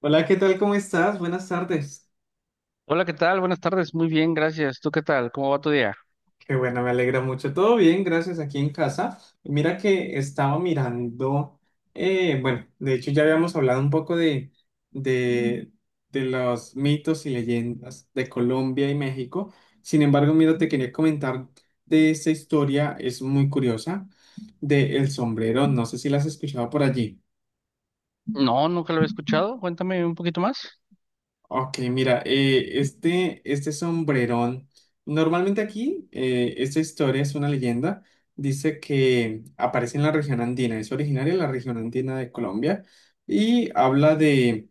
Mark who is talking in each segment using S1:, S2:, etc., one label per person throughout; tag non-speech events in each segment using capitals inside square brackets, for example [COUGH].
S1: Hola, ¿qué tal? ¿Cómo estás? Buenas tardes.
S2: Hola, ¿qué tal? Buenas tardes. Muy bien, gracias. ¿Tú qué tal? ¿Cómo va tu día?
S1: Qué bueno, me alegra mucho. Todo bien, gracias, aquí en casa. Mira que estaba mirando, bueno, de hecho ya habíamos hablado un poco de, de los mitos y leyendas de Colombia y México. Sin embargo, mira, te quería comentar de esta historia, es muy curiosa, de El Sombrero. No sé si la has escuchado por allí.
S2: No, nunca lo había escuchado. Cuéntame un poquito más.
S1: Ok, mira, este sombrerón, normalmente aquí esta historia es una leyenda, dice que aparece en la región andina, es originaria de la región andina de Colombia y habla de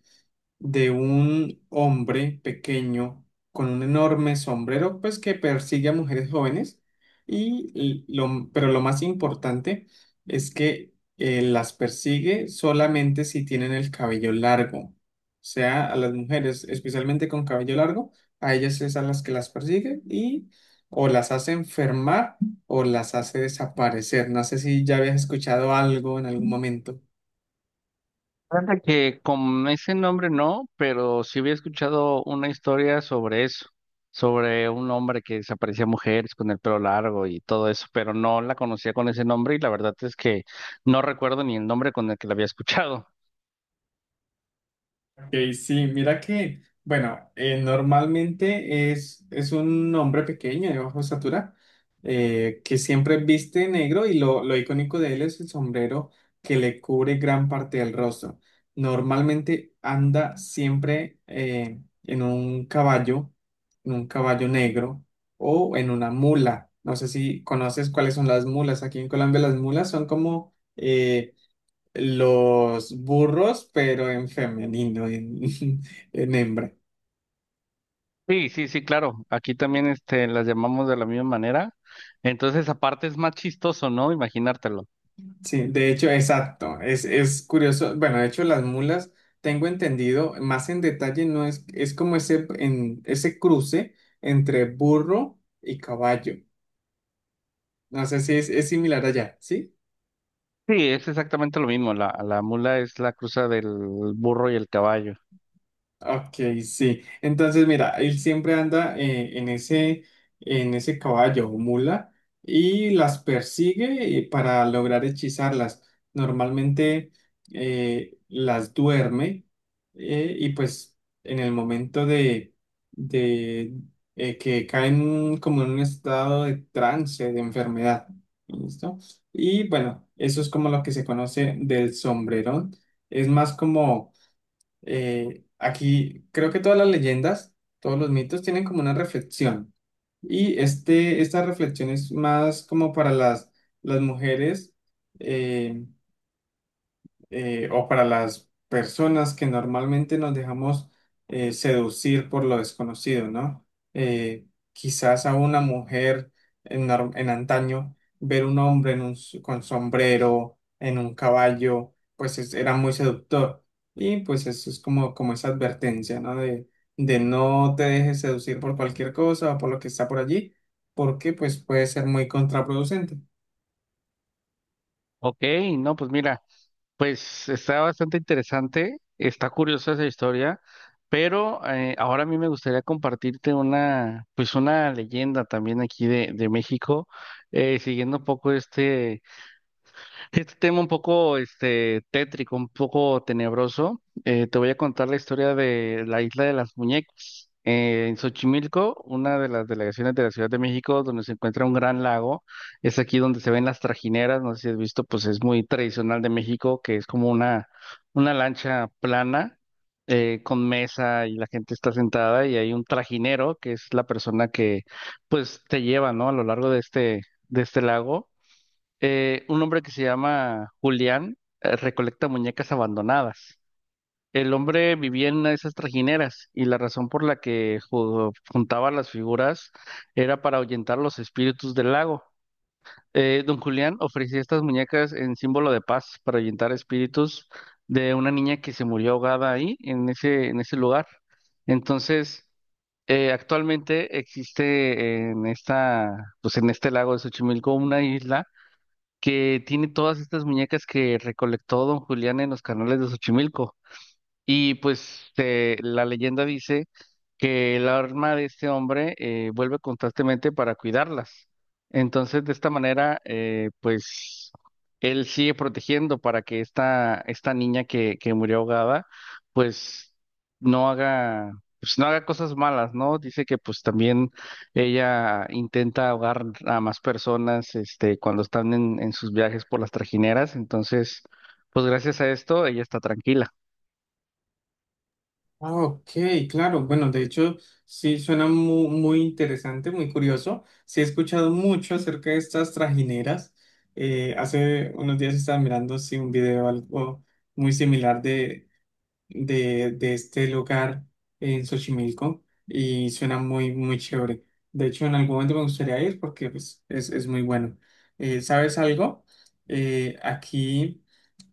S1: de un hombre pequeño con un enorme sombrero, pues que persigue a mujeres jóvenes. Pero lo más importante es que las persigue solamente si tienen el cabello largo. O sea, a las mujeres, especialmente con cabello largo, a ellas es a las que las persigue y o las hace enfermar o las hace desaparecer. No sé si ya habías escuchado algo en algún momento.
S2: Fíjate que con ese nombre no, pero sí había escuchado una historia sobre eso, sobre un hombre que desaparecía mujeres con el pelo largo y todo eso, pero no la conocía con ese nombre y la verdad es que no recuerdo ni el nombre con el que la había escuchado.
S1: Ok, sí, mira que, bueno, normalmente es un hombre pequeño de baja estatura que siempre viste negro y lo icónico de él es el sombrero que le cubre gran parte del rostro. Normalmente anda siempre en un caballo negro o en una mula. No sé si conoces cuáles son las mulas. Aquí en Colombia las mulas son como los burros, pero en femenino, [LAUGHS] en hembra.
S2: Sí, sí, sí, claro. Aquí también este, las llamamos de la misma manera. Entonces, aparte es más chistoso, ¿no? Imaginártelo.
S1: Sí, de hecho, exacto. Es curioso. Bueno, de hecho, las mulas, tengo entendido, más en detalle, no es, es como ese cruce entre burro y caballo. No sé si es similar allá, ¿sí?
S2: Sí, es exactamente lo mismo. La mula es la cruza del burro y el caballo.
S1: Ok, sí. Entonces, mira, él siempre anda en en ese caballo o mula y las persigue para lograr hechizarlas. Normalmente las duerme y pues en el momento de que caen como en un estado de trance, de enfermedad. ¿Listo? Y bueno, eso es como lo que se conoce del sombrerón. Es más como aquí creo que todas las leyendas, todos los mitos tienen como una reflexión. Esta reflexión es más como para las mujeres eh, o para las personas que normalmente nos dejamos seducir por lo desconocido, ¿no? Eh, quizás a una mujer en antaño ver un hombre con sombrero, en un caballo, pues era muy seductor. Y pues eso es como, como esa advertencia, ¿no? De no te dejes seducir por cualquier cosa o por lo que está por allí, porque pues puede ser muy contraproducente.
S2: Ok, no, pues mira, pues está bastante interesante, está curiosa esa historia, pero ahora a mí me gustaría compartirte una, pues una leyenda también aquí de México, siguiendo un poco este, este tema un poco este, tétrico, un poco tenebroso. Te voy a contar la historia de la isla de las muñecas. En Xochimilco, una de las delegaciones de la Ciudad de México, donde se encuentra un gran lago, es aquí donde se ven las trajineras, no sé si has visto, pues es muy tradicional de México, que es como una lancha plana con mesa y la gente está sentada y hay un trajinero, que es la persona que pues te lleva, ¿no? A lo largo de este lago. Un hombre que se llama Julián recolecta muñecas abandonadas. El hombre vivía en esas trajineras y la razón por la que ju- juntaba las figuras era para ahuyentar los espíritus del lago. Don Julián ofrecía estas muñecas en símbolo de paz para ahuyentar espíritus de una niña que se murió ahogada ahí, en ese lugar. Entonces, actualmente existe en esta, pues en este lago de Xochimilco una isla que tiene todas estas muñecas que recolectó don Julián en los canales de Xochimilco. Y pues la leyenda dice que el arma de este hombre vuelve constantemente para cuidarlas. Entonces, de esta manera, pues él sigue protegiendo para que esta niña que murió ahogada, pues no haga, pues no haga cosas malas, ¿no? Dice que pues también ella intenta ahogar a más personas, este, cuando están en sus viajes por las trajineras. Entonces, pues gracias a esto, ella está tranquila.
S1: Ah, ok, claro. Bueno, de hecho, sí suena muy, muy interesante, muy curioso. Sí he escuchado mucho acerca de estas trajineras. Hace unos días estaba mirando sí, un video algo muy similar de este lugar en Xochimilco y suena muy, muy chévere. De hecho, en algún momento me gustaría ir porque pues, es muy bueno. ¿Sabes algo? Aquí...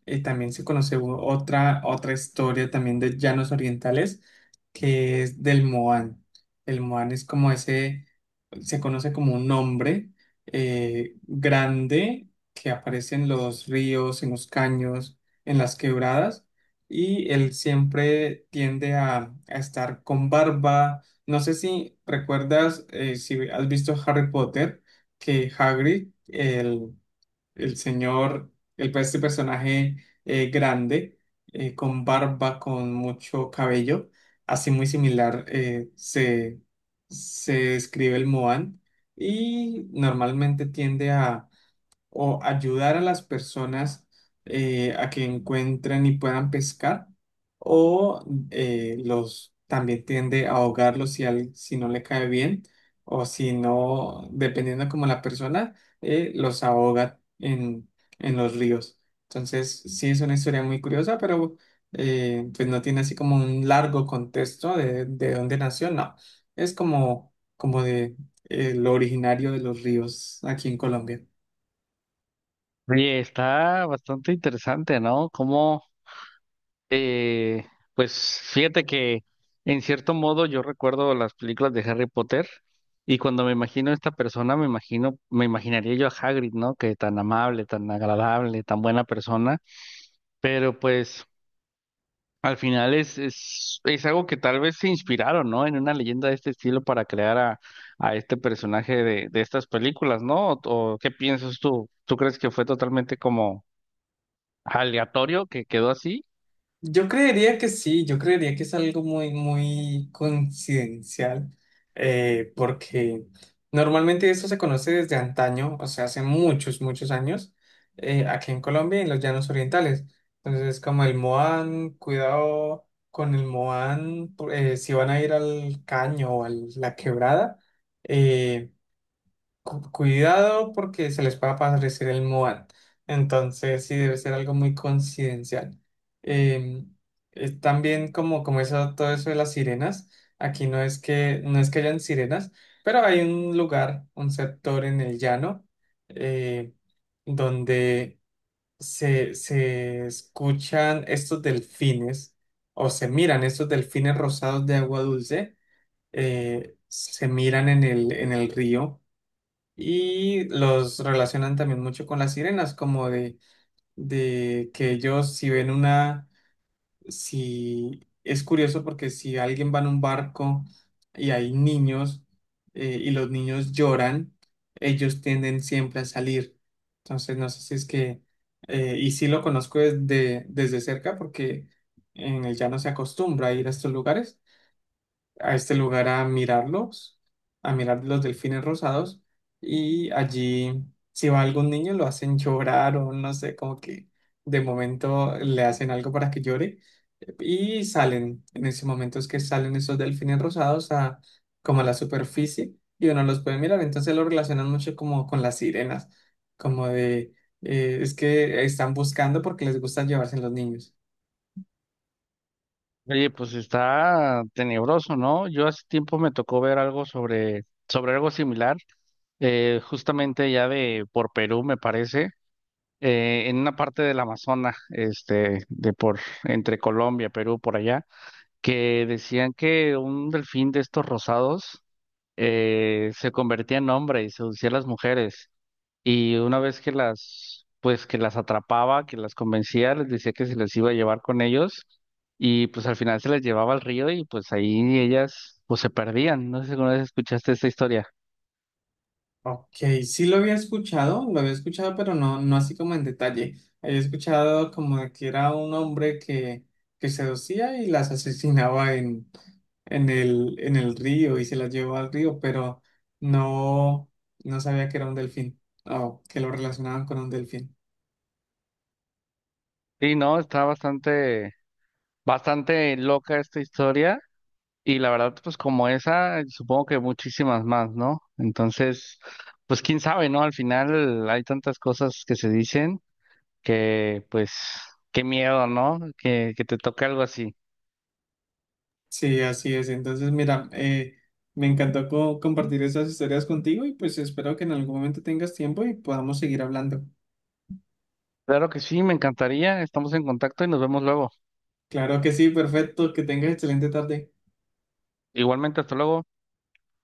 S1: Y también se conoce otra historia también de llanos orientales, que es del Moan. El Moan es como ese, se conoce como un hombre grande que aparece en los ríos, en los caños, en las quebradas, y él siempre tiende a estar con barba. No sé si recuerdas, si has visto Harry Potter, que Hagrid, el señor, el, pues, este personaje grande, con barba, con mucho cabello, así muy similar se describe el Moan y normalmente tiende a o ayudar a las personas a que encuentren y puedan pescar, o los también tiende a ahogarlos si no le cae bien, o si no, dependiendo como la persona, los ahoga en los ríos. Entonces, sí es una historia muy curiosa, pero pues no tiene así como un largo contexto de dónde nació, no. Es como, como de lo originario de los ríos aquí en Colombia.
S2: Oye, está bastante interesante, ¿no? Como, eh, pues fíjate que en cierto modo yo recuerdo las películas de Harry Potter y cuando me imagino a esta persona, me imagino, me imaginaría yo a Hagrid, ¿no? Que tan amable, tan agradable, tan buena persona, pero pues al final es algo que tal vez se inspiraron, ¿no? En una leyenda de este estilo para crear a este personaje de estas películas, ¿no? O qué piensas tú? ¿Tú crees que fue totalmente como aleatorio que quedó así?
S1: Yo creería que sí, yo creería que es algo muy, muy coincidencial, porque normalmente eso se conoce desde antaño, o sea, hace muchos, muchos años, aquí en Colombia, y en los llanos orientales. Entonces, como el Moan, cuidado con el Moan, si van a ir al caño o a la quebrada, eh, cuidado porque se les puede aparecer el Moan. Entonces, sí, debe ser algo muy coincidencial. Eh, también como, como eso, todo eso de las sirenas, aquí no es que, no es que hayan sirenas, pero hay un lugar, un sector en el llano, eh, donde se escuchan estos delfines o se miran estos delfines rosados de agua dulce, se miran en el río. Y los relacionan también mucho con las sirenas, como de que ellos si ven una, si es curioso porque si alguien va en un barco y hay niños y los niños lloran, ellos tienden siempre a salir. Entonces no sé si es que, y sí lo conozco desde, desde cerca porque en el llano se acostumbra a ir a estos lugares a este lugar a mirarlos, a mirar los delfines rosados y allí si va algún niño lo hacen llorar o no sé, como que de momento le hacen algo para que llore y salen, en ese momento es que salen esos delfines rosados a como a la superficie y uno los puede mirar, entonces lo relacionan mucho como con las sirenas, como de es que están buscando porque les gusta llevarse los niños.
S2: Oye, pues está tenebroso, ¿no? Yo hace tiempo me tocó ver algo sobre, sobre algo similar, justamente ya de por Perú, me parece, en una parte del Amazonas, este, de por, entre Colombia, Perú, por allá, que decían que un delfín de estos rosados se convertía en hombre y seducía a las mujeres. Y una vez que las, pues que las atrapaba, que las convencía, les decía que se les iba a llevar con ellos y pues al final se les llevaba al río y pues ahí ellas pues se perdían. No sé si alguna vez escuchaste esta historia.
S1: Ok, sí lo había escuchado, pero no, no así como en detalle. Había escuchado como de que era un hombre que seducía y las [LAUGHS] asesinaba en en el río y se las llevó al río, pero no, no sabía que era un delfín o que lo relacionaban con un delfín.
S2: Sí, no, está bastante, bastante loca esta historia y la verdad pues como esa, supongo que muchísimas más, ¿no? Entonces, pues quién sabe, ¿no? Al final hay tantas cosas que se dicen que pues qué miedo, ¿no? Que te toque algo así.
S1: Sí, así es. Entonces, mira, me encantó compartir esas historias contigo y pues espero que en algún momento tengas tiempo y podamos seguir hablando.
S2: Claro que sí, me encantaría. Estamos en contacto y nos vemos luego.
S1: Claro que sí, perfecto, que tengas excelente tarde.
S2: Igualmente, hasta luego.